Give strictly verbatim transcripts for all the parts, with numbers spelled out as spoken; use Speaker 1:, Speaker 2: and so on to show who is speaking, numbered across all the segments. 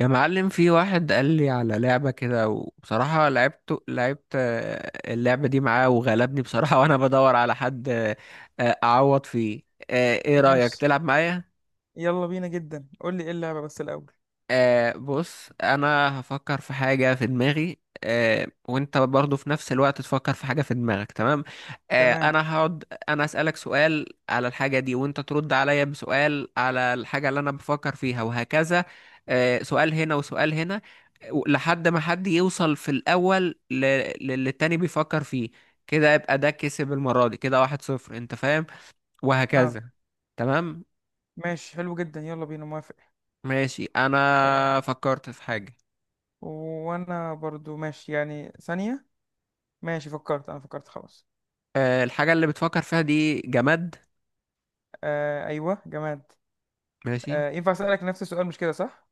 Speaker 1: يا معلم، في واحد قال لي على لعبة كده، وبصراحة لعبت لعبت آه، اللعبة دي معاه وغلبني بصراحة وأنا بدور على حد آه، آه، أعوض فيه آه، إيه رأيك
Speaker 2: ماشي.
Speaker 1: تلعب معايا؟
Speaker 2: يلا بينا، جدا قول لي ايه اللعبة بس الأول.
Speaker 1: آه بص انا هفكر في حاجة في دماغي آه وانت برضو في نفس الوقت تفكر في حاجة في دماغك، تمام آه
Speaker 2: تمام.
Speaker 1: انا هقعد انا اسألك سؤال على الحاجة دي، وانت ترد عليا بسؤال على الحاجة اللي انا بفكر فيها، وهكذا. آه سؤال هنا وسؤال هنا، و- لحد ما حد يوصل في الاول ل- للي التاني بيفكر فيه. كده يبقى ده كسب المرة دي، كده واحد صفر، انت فاهم،
Speaker 2: اه
Speaker 1: وهكذا. تمام.
Speaker 2: ماشي، حلو جدا، يلا بينا، موافق.
Speaker 1: ماشي،
Speaker 2: آه،
Speaker 1: انا فكرت في حاجة.
Speaker 2: وانا برضو ماشي يعني، ثانية. ماشي فكرت، انا فكرت خلاص.
Speaker 1: آه، الحاجة اللي بتفكر فيها دي جماد؟
Speaker 2: آه ايوه، جماد.
Speaker 1: ماشي
Speaker 2: آه ينفع اسألك نفس السؤال؟ مش كده صح؟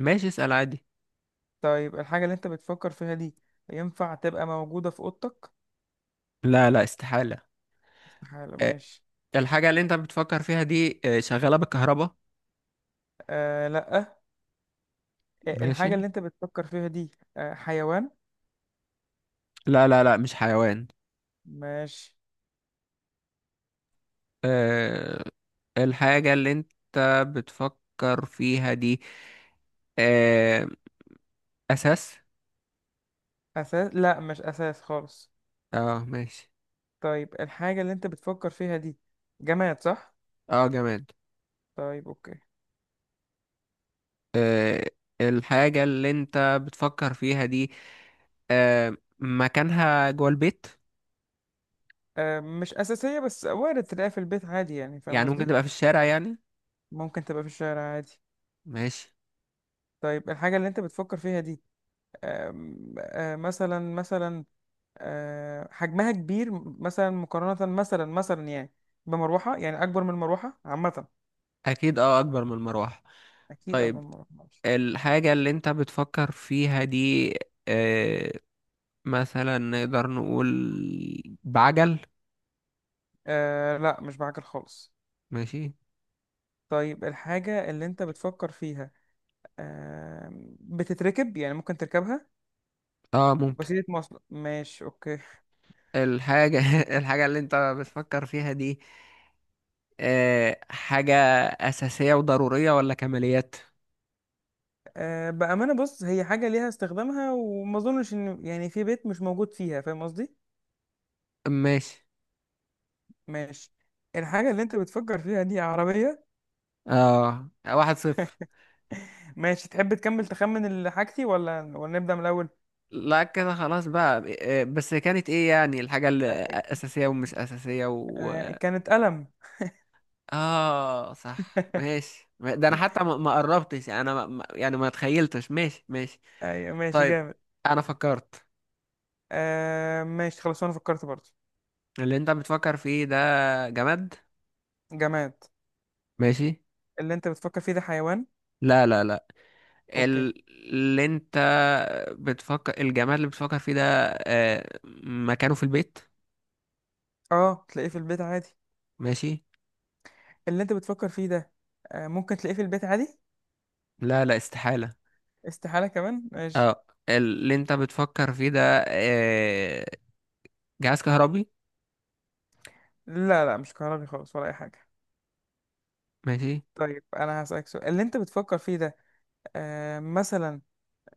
Speaker 1: ماشي، اسأل عادي.
Speaker 2: طيب، الحاجة اللي انت بتفكر فيها دي ينفع تبقى موجودة في اوضتك؟
Speaker 1: لا لا استحالة.
Speaker 2: استحالة،
Speaker 1: آه،
Speaker 2: ماشي.
Speaker 1: الحاجة اللي انت بتفكر فيها دي آه، شغالة بالكهرباء؟
Speaker 2: آه لا. آه،
Speaker 1: ماشي.
Speaker 2: الحاجة اللي انت بتفكر فيها دي آه حيوان؟
Speaker 1: لا لا لا، مش حيوان.
Speaker 2: ماشي.
Speaker 1: آه، الحاجة اللي انت بتفكر فيها دي آه، أساس؟
Speaker 2: اساس؟ لا، مش اساس خالص.
Speaker 1: اه ماشي.
Speaker 2: طيب، الحاجة اللي انت بتفكر فيها دي جماد صح؟
Speaker 1: اه جماد.
Speaker 2: طيب، اوكي.
Speaker 1: آه، الحاجة اللي انت بتفكر فيها دي آه، مكانها جوه البيت؟
Speaker 2: أه مش أساسية، بس وارد تلاقيها في البيت عادي، يعني فاهم
Speaker 1: يعني ممكن
Speaker 2: قصدي؟
Speaker 1: تبقى في الشارع يعني؟
Speaker 2: ممكن تبقى في الشارع عادي.
Speaker 1: ماشي.
Speaker 2: طيب، الحاجة اللي انت بتفكر فيها دي أم، أه مثلا، مثلا أه حجمها كبير، مثلا مقارنة، مثلا مثلا يعني بمروحة، يعني أكبر من المروحة عامة.
Speaker 1: اكيد اه اكبر من المروحة.
Speaker 2: أكيد أكبر
Speaker 1: طيب
Speaker 2: من المروحة، معلش.
Speaker 1: الحاجة اللي انت بتفكر فيها دي آه مثلا نقدر نقول بعجل؟
Speaker 2: أه لا، مش بعجل خالص.
Speaker 1: ماشي.
Speaker 2: طيب، الحاجة اللي انت بتفكر فيها أه بتتركب، يعني ممكن تركبها.
Speaker 1: اه ممكن.
Speaker 2: وسيلة مواصلة، ماشي اوكي.
Speaker 1: الحاجة الحاجة اللي انت بتفكر فيها دي آه حاجة أساسية وضرورية ولا كماليات؟
Speaker 2: أه بأمانة بص، هي حاجة ليها استخدامها، وما اظنش ان يعني في بيت مش موجود فيها، فاهم قصدي.
Speaker 1: ماشي.
Speaker 2: ماشي. الحاجة اللي انت بتفكر فيها دي عربية.
Speaker 1: اه واحد صفر.
Speaker 2: ماشي، تحب تكمل تخمن اللي حاجتي ولا ولا نبدأ من الأول؟
Speaker 1: لا كده خلاص بقى، آه، بس كانت ايه يعني الحاجة اللي
Speaker 2: أه
Speaker 1: أساسية ومش أساسية؟
Speaker 2: أه كانت قلم.
Speaker 1: اه صح ماشي، ده انا حتى ما ما قربتش، انا ما ما- يعني ما تخيلتش. ماشي ماشي.
Speaker 2: ايوه ماشي،
Speaker 1: طيب
Speaker 2: جامد.
Speaker 1: انا فكرت.
Speaker 2: أه ماشي خلاص، انا فكرت برضه.
Speaker 1: اللي انت بتفكر فيه ده جماد.
Speaker 2: جماد.
Speaker 1: ماشي.
Speaker 2: اللي انت بتفكر فيه ده حيوان؟
Speaker 1: لا لا لا.
Speaker 2: اوكي.
Speaker 1: ال- اللي انت بتفكر الجماد اللي بتفكر فيه ده آه، مكانه في البيت؟
Speaker 2: اه، تلاقيه في البيت عادي.
Speaker 1: ماشي.
Speaker 2: اللي انت بتفكر فيه ده أه ممكن تلاقيه في البيت عادي.
Speaker 1: لا لا استحالة.
Speaker 2: استحالة كمان، ماشي.
Speaker 1: اه اللي انت بتفكر فيه ده آه، جهاز كهربي؟
Speaker 2: لا لا، مش كهربي خالص، ولا اي حاجه.
Speaker 1: ماشي.
Speaker 2: طيب، انا هسألك سؤال. اللي انت بتفكر فيه ده آه مثلا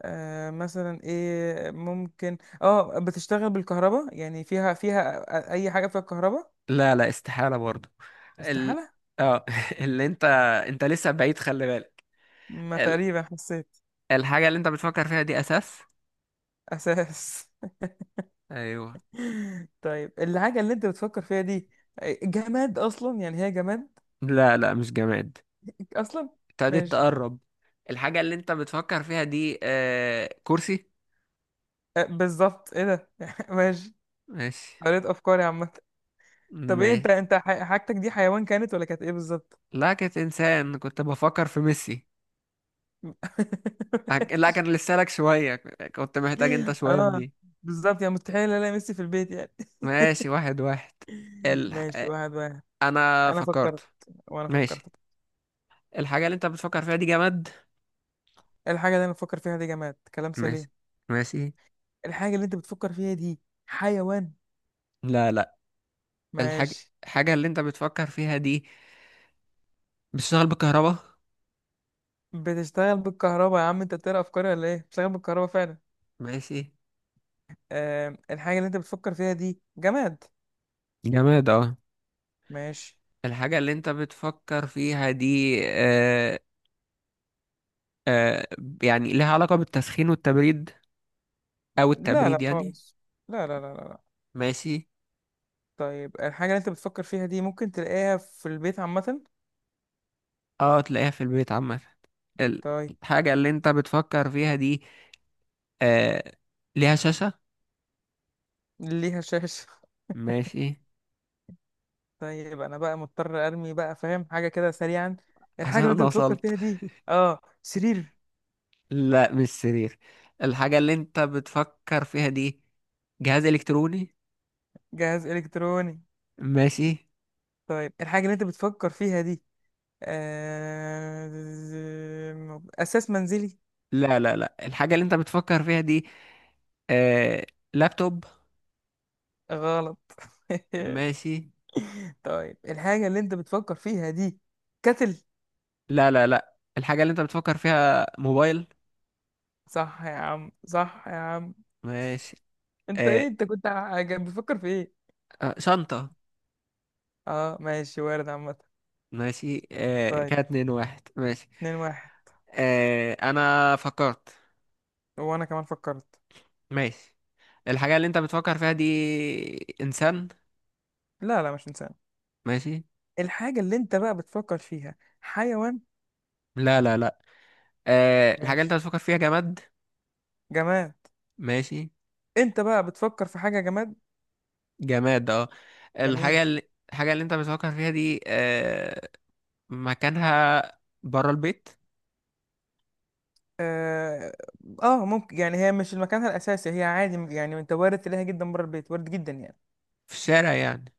Speaker 2: آه مثلا ايه؟ ممكن اه بتشتغل بالكهرباء، يعني فيها فيها أ- اي حاجه فيها الكهرباء.
Speaker 1: لا لا استحالة برضو. ال...
Speaker 2: استحاله.
Speaker 1: اه اللي انت انت لسه بعيد خلي بالك.
Speaker 2: ما
Speaker 1: ال...
Speaker 2: تقريبا حسيت.
Speaker 1: الحاجة اللي انت بتفكر فيها دي اساس؟
Speaker 2: اساس؟
Speaker 1: ايوه.
Speaker 2: طيب، الحاجه اللي انت بتفكر فيها دي آه، جماد اصلا، يعني هي جماد
Speaker 1: لا لا مش جماد.
Speaker 2: اصلا.
Speaker 1: ابتديت
Speaker 2: ماشي.
Speaker 1: تقرب. الحاجة اللي انت بتفكر فيها دي آه... كرسي؟
Speaker 2: آه بالظبط، ايه ده؟ ماشي.
Speaker 1: ماشي.
Speaker 2: قريت افكاري عامه. طب ايه، انت
Speaker 1: ما
Speaker 2: انت ح- حاجتك دي حيوان كانت ولا كانت ايه بالظبط؟
Speaker 1: لا، كنت انسان، كنت بفكر في ميسي. هك- لا، كان لسه لك شوية، كنت محتاج انت شوية في
Speaker 2: اه
Speaker 1: دي.
Speaker 2: بالظبط، يعني مستحيل الاقي ميسي في البيت يعني.
Speaker 1: ماشي، واحد واحد. ال...
Speaker 2: ماشي،
Speaker 1: آه،
Speaker 2: واحد واحد.
Speaker 1: انا
Speaker 2: انا فكرت.
Speaker 1: فكرت.
Speaker 2: وانا
Speaker 1: ماشي.
Speaker 2: فكرت.
Speaker 1: الحاجة اللي انت بتفكر فيها دي جماد.
Speaker 2: الحاجه اللي انا بفكر فيها دي جماد، كلام
Speaker 1: ماشي
Speaker 2: سليم.
Speaker 1: ماشي.
Speaker 2: الحاجه اللي انت بتفكر فيها دي حيوان؟
Speaker 1: لا لا. الحاجة
Speaker 2: ماشي.
Speaker 1: الحاجة اللي انت بتفكر فيها دي بتشتغل بالكهرباء؟
Speaker 2: بتشتغل بالكهرباء؟ يا عم، انت بتقرا افكاري ولا ايه؟ بتشتغل بالكهرباء فعلا.
Speaker 1: ماشي.
Speaker 2: آه الحاجه اللي انت بتفكر فيها دي جماد.
Speaker 1: جماد اه.
Speaker 2: ماشي.
Speaker 1: الحاجة اللي انت بتفكر فيها دي آه آه يعني لها علاقة بالتسخين والتبريد، او
Speaker 2: لا لا
Speaker 1: التبريد يعني؟
Speaker 2: خالص، لا لا لا لا لا.
Speaker 1: ماشي.
Speaker 2: طيب، الحاجه اللي انت بتفكر فيها دي ممكن تلاقيها في البيت عامه؟
Speaker 1: اه تلاقيها في البيت عامة. ال-
Speaker 2: طيب.
Speaker 1: الحاجة اللي انت بتفكر فيها دي آه ليها شاشة؟
Speaker 2: ليها شاشه؟
Speaker 1: ماشي.
Speaker 2: طيب، انا بقى مضطر ارمي بقى، فاهم، حاجه كده سريعا. الحاجه
Speaker 1: عشان
Speaker 2: اللي انت
Speaker 1: انا
Speaker 2: بتفكر
Speaker 1: وصلت.
Speaker 2: فيها دي اه سرير؟
Speaker 1: لا مش سرير. الحاجة اللي انت بتفكر فيها دي جهاز الكتروني.
Speaker 2: جهاز الكتروني؟
Speaker 1: ماشي.
Speaker 2: طيب، الحاجه اللي انت بتفكر فيها دي آه... اساس منزلي؟
Speaker 1: لا لا لا، الحاجة اللي انت بتفكر فيها دي آه... لابتوب؟
Speaker 2: غلط.
Speaker 1: ماشي.
Speaker 2: طيب، الحاجه اللي انت بتفكر فيها دي كتل؟
Speaker 1: لا لا لا، الحاجة اللي انت بتفكر فيها موبايل.
Speaker 2: صح يا عم، صح يا عم.
Speaker 1: ماشي.
Speaker 2: انت
Speaker 1: آه...
Speaker 2: ايه، انت كنت ع- بتفكر في ايه؟
Speaker 1: آه، شنطة.
Speaker 2: اه ماشي، وارد عامه.
Speaker 1: ماشي. آه...
Speaker 2: طيب،
Speaker 1: كده اتنين واحد. ماشي.
Speaker 2: اتنين واحد.
Speaker 1: آه... انا فكرت.
Speaker 2: وانا كمان فكرت.
Speaker 1: ماشي. الحاجة اللي انت بتفكر فيها دي انسان؟
Speaker 2: لا لا، مش انسان.
Speaker 1: ماشي.
Speaker 2: الحاجة اللي انت بقى بتفكر فيها حيوان؟
Speaker 1: لا لا لا. آه... الحاجة اللي انت
Speaker 2: ماشي.
Speaker 1: بتفكر فيها جماد.
Speaker 2: جماد.
Speaker 1: ماشي.
Speaker 2: انت بقى بتفكر في حاجة جماد.
Speaker 1: جماد اه.
Speaker 2: جميل.
Speaker 1: الحاجة اللي الحاجة اللي انت بتفكر فيها دي آه، مكانها بره البيت؟
Speaker 2: اه. آه ممكن، يعني هي مش مكانها الأساسي، هي عادي يعني. انت وارد تلاقيها جدا بره البيت، وارد جدا يعني.
Speaker 1: في الشارع يعني؟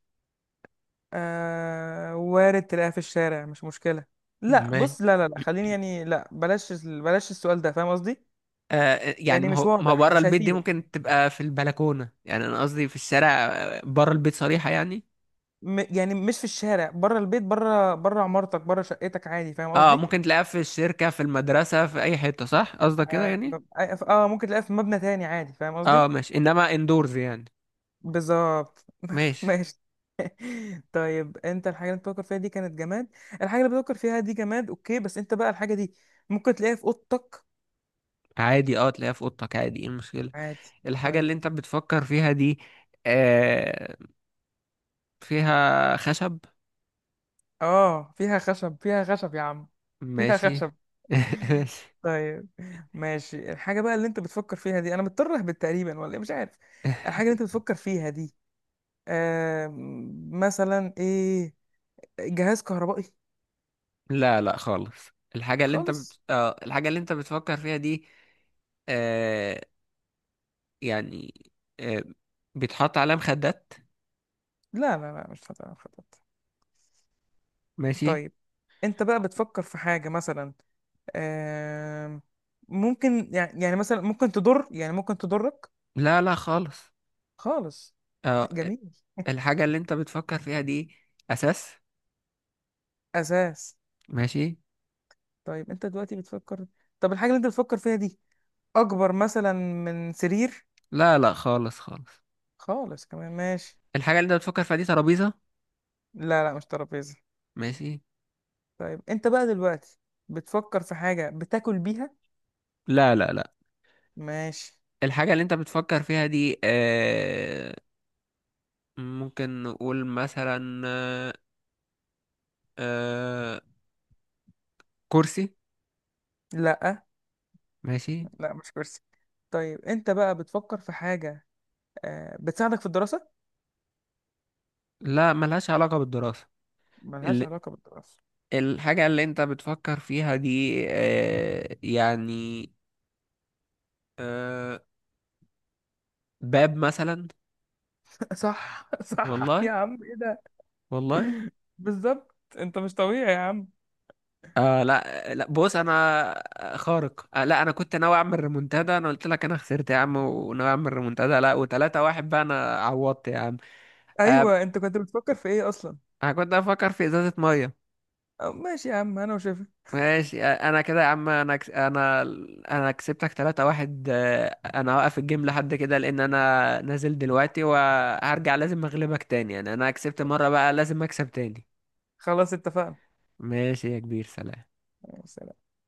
Speaker 2: آه وارد تلاقيها في الشارع، مش مشكلة. لا
Speaker 1: ما
Speaker 2: بص، لا لا لا خليني يعني، لا بلاش، ال- بلاش السؤال ده، فاهم قصدي.
Speaker 1: آه، يعني
Speaker 2: يعني
Speaker 1: ما
Speaker 2: مش
Speaker 1: هو ما هو
Speaker 2: واضح،
Speaker 1: بره
Speaker 2: مش
Speaker 1: البيت دي
Speaker 2: هيفيدك.
Speaker 1: ممكن تبقى في البلكونة، يعني انا قصدي في الشارع، آه، بره البيت صريحة يعني.
Speaker 2: م يعني مش في الشارع بره البيت، بره بره عمارتك، بره شقتك عادي، فاهم
Speaker 1: اه
Speaker 2: قصدي.
Speaker 1: ممكن تلاقيها في الشركة، في المدرسة، في اي حتة، صح؟ قصدك كده
Speaker 2: اه.
Speaker 1: يعني.
Speaker 2: آه، ممكن تلاقيها في مبنى تاني عادي، فاهم
Speaker 1: اه
Speaker 2: قصدي.
Speaker 1: ماشي، انما اندورز يعني.
Speaker 2: بالظبط.
Speaker 1: ماشي.
Speaker 2: ماشي. طيب انت، الحاجه اللي بتفكر فيها دي كانت جماد. الحاجه اللي بتفكر فيها دي جماد، اوكي، بس انت بقى الحاجه دي ممكن تلاقيها في اوضتك
Speaker 1: عادي اه تلاقيها في اوضتك عادي، ايه المشكلة؟
Speaker 2: عادي.
Speaker 1: الحاجة
Speaker 2: طيب.
Speaker 1: اللي انت بتفكر فيها دي آه فيها خشب؟
Speaker 2: اه فيها خشب، فيها خشب يا عم، فيها
Speaker 1: ماشي.
Speaker 2: خشب.
Speaker 1: ماشي.
Speaker 2: طيب. ماشي، الحاجه بقى اللي انت بتفكر فيها دي انا مضطر اهبط تقريبا، ولا ايه؟ مش عارف. الحاجه اللي انت بتفكر فيها دي آم، مثلا ايه؟ جهاز كهربائي؟
Speaker 1: لا لا خالص. الحاجة اللي انت بت...
Speaker 2: خالص
Speaker 1: آه الحاجة اللي انت بتفكر فيها دي آه يعني آه بيتحط عليها مخدات؟
Speaker 2: لا لا لا، مش هتعرف.
Speaker 1: ماشي.
Speaker 2: طيب، انت بقى بتفكر في حاجه مثلا، آم، ممكن يعني يعني مثلا ممكن تضر، يعني ممكن تضرك؟
Speaker 1: لا لا خالص.
Speaker 2: خالص.
Speaker 1: آه
Speaker 2: جميل.
Speaker 1: الحاجة اللي انت بتفكر فيها دي أساس.
Speaker 2: اساس؟
Speaker 1: ماشي.
Speaker 2: طيب، انت دلوقتي بتفكر. طب الحاجه اللي انت بتفكر فيها دي اكبر مثلا من سرير؟
Speaker 1: لا لا خالص خالص.
Speaker 2: خالص كمان، ماشي.
Speaker 1: الحاجة اللي انت بتفكر فيها دي ترابيزة؟
Speaker 2: لا لا، مش ترابيزه.
Speaker 1: ماشي.
Speaker 2: طيب، انت بقى دلوقتي بتفكر في حاجه بتاكل بيها؟
Speaker 1: لا لا لا،
Speaker 2: ماشي.
Speaker 1: الحاجة اللي انت بتفكر فيها دي آه ممكن نقول مثلا آه آه، كرسي؟
Speaker 2: لا
Speaker 1: ماشي.
Speaker 2: لا، مش كرسي. طيب، انت بقى بتفكر في حاجه آه، بتساعدك في الدراسه؟
Speaker 1: لا ملهاش علاقة بالدراسة.
Speaker 2: ملهاش
Speaker 1: ال-
Speaker 2: علاقه بالدراسه.
Speaker 1: الحاجة اللي انت بتفكر فيها دي آه يعني آه باب مثلا؟
Speaker 2: صح، صح
Speaker 1: والله
Speaker 2: يا عم، ايه؟
Speaker 1: والله.
Speaker 2: بالظبط، انت مش طبيعي يا عم.
Speaker 1: آه لا، آه، لا بص انا آه، خارق. آه لا، انا كنت ناوي اعمل ريمونتادا. انا قلت لك انا خسرت يا عم، وناوي اعمل ريمونتادا. لا، وتلاتة واحد بقى، انا عوضت يا عم.
Speaker 2: ايوه،
Speaker 1: آه
Speaker 2: انت كنت بتفكر في ايه اصلا؟
Speaker 1: انا كنت افكر في ازازة مية.
Speaker 2: أو ماشي يا عم، انا وشايفك.
Speaker 1: ماشي انا كده يا عم. انا كس... انا انا كسبتك تلاتة واحد. آه، انا هوقف الجيم لحد كده، لان انا نازل دلوقتي، وهرجع لازم اغلبك تاني، يعني انا كسبت مرة بقى لازم اكسب تاني.
Speaker 2: خلاص، اتفقنا.
Speaker 1: ماشي يا كبير، سلام.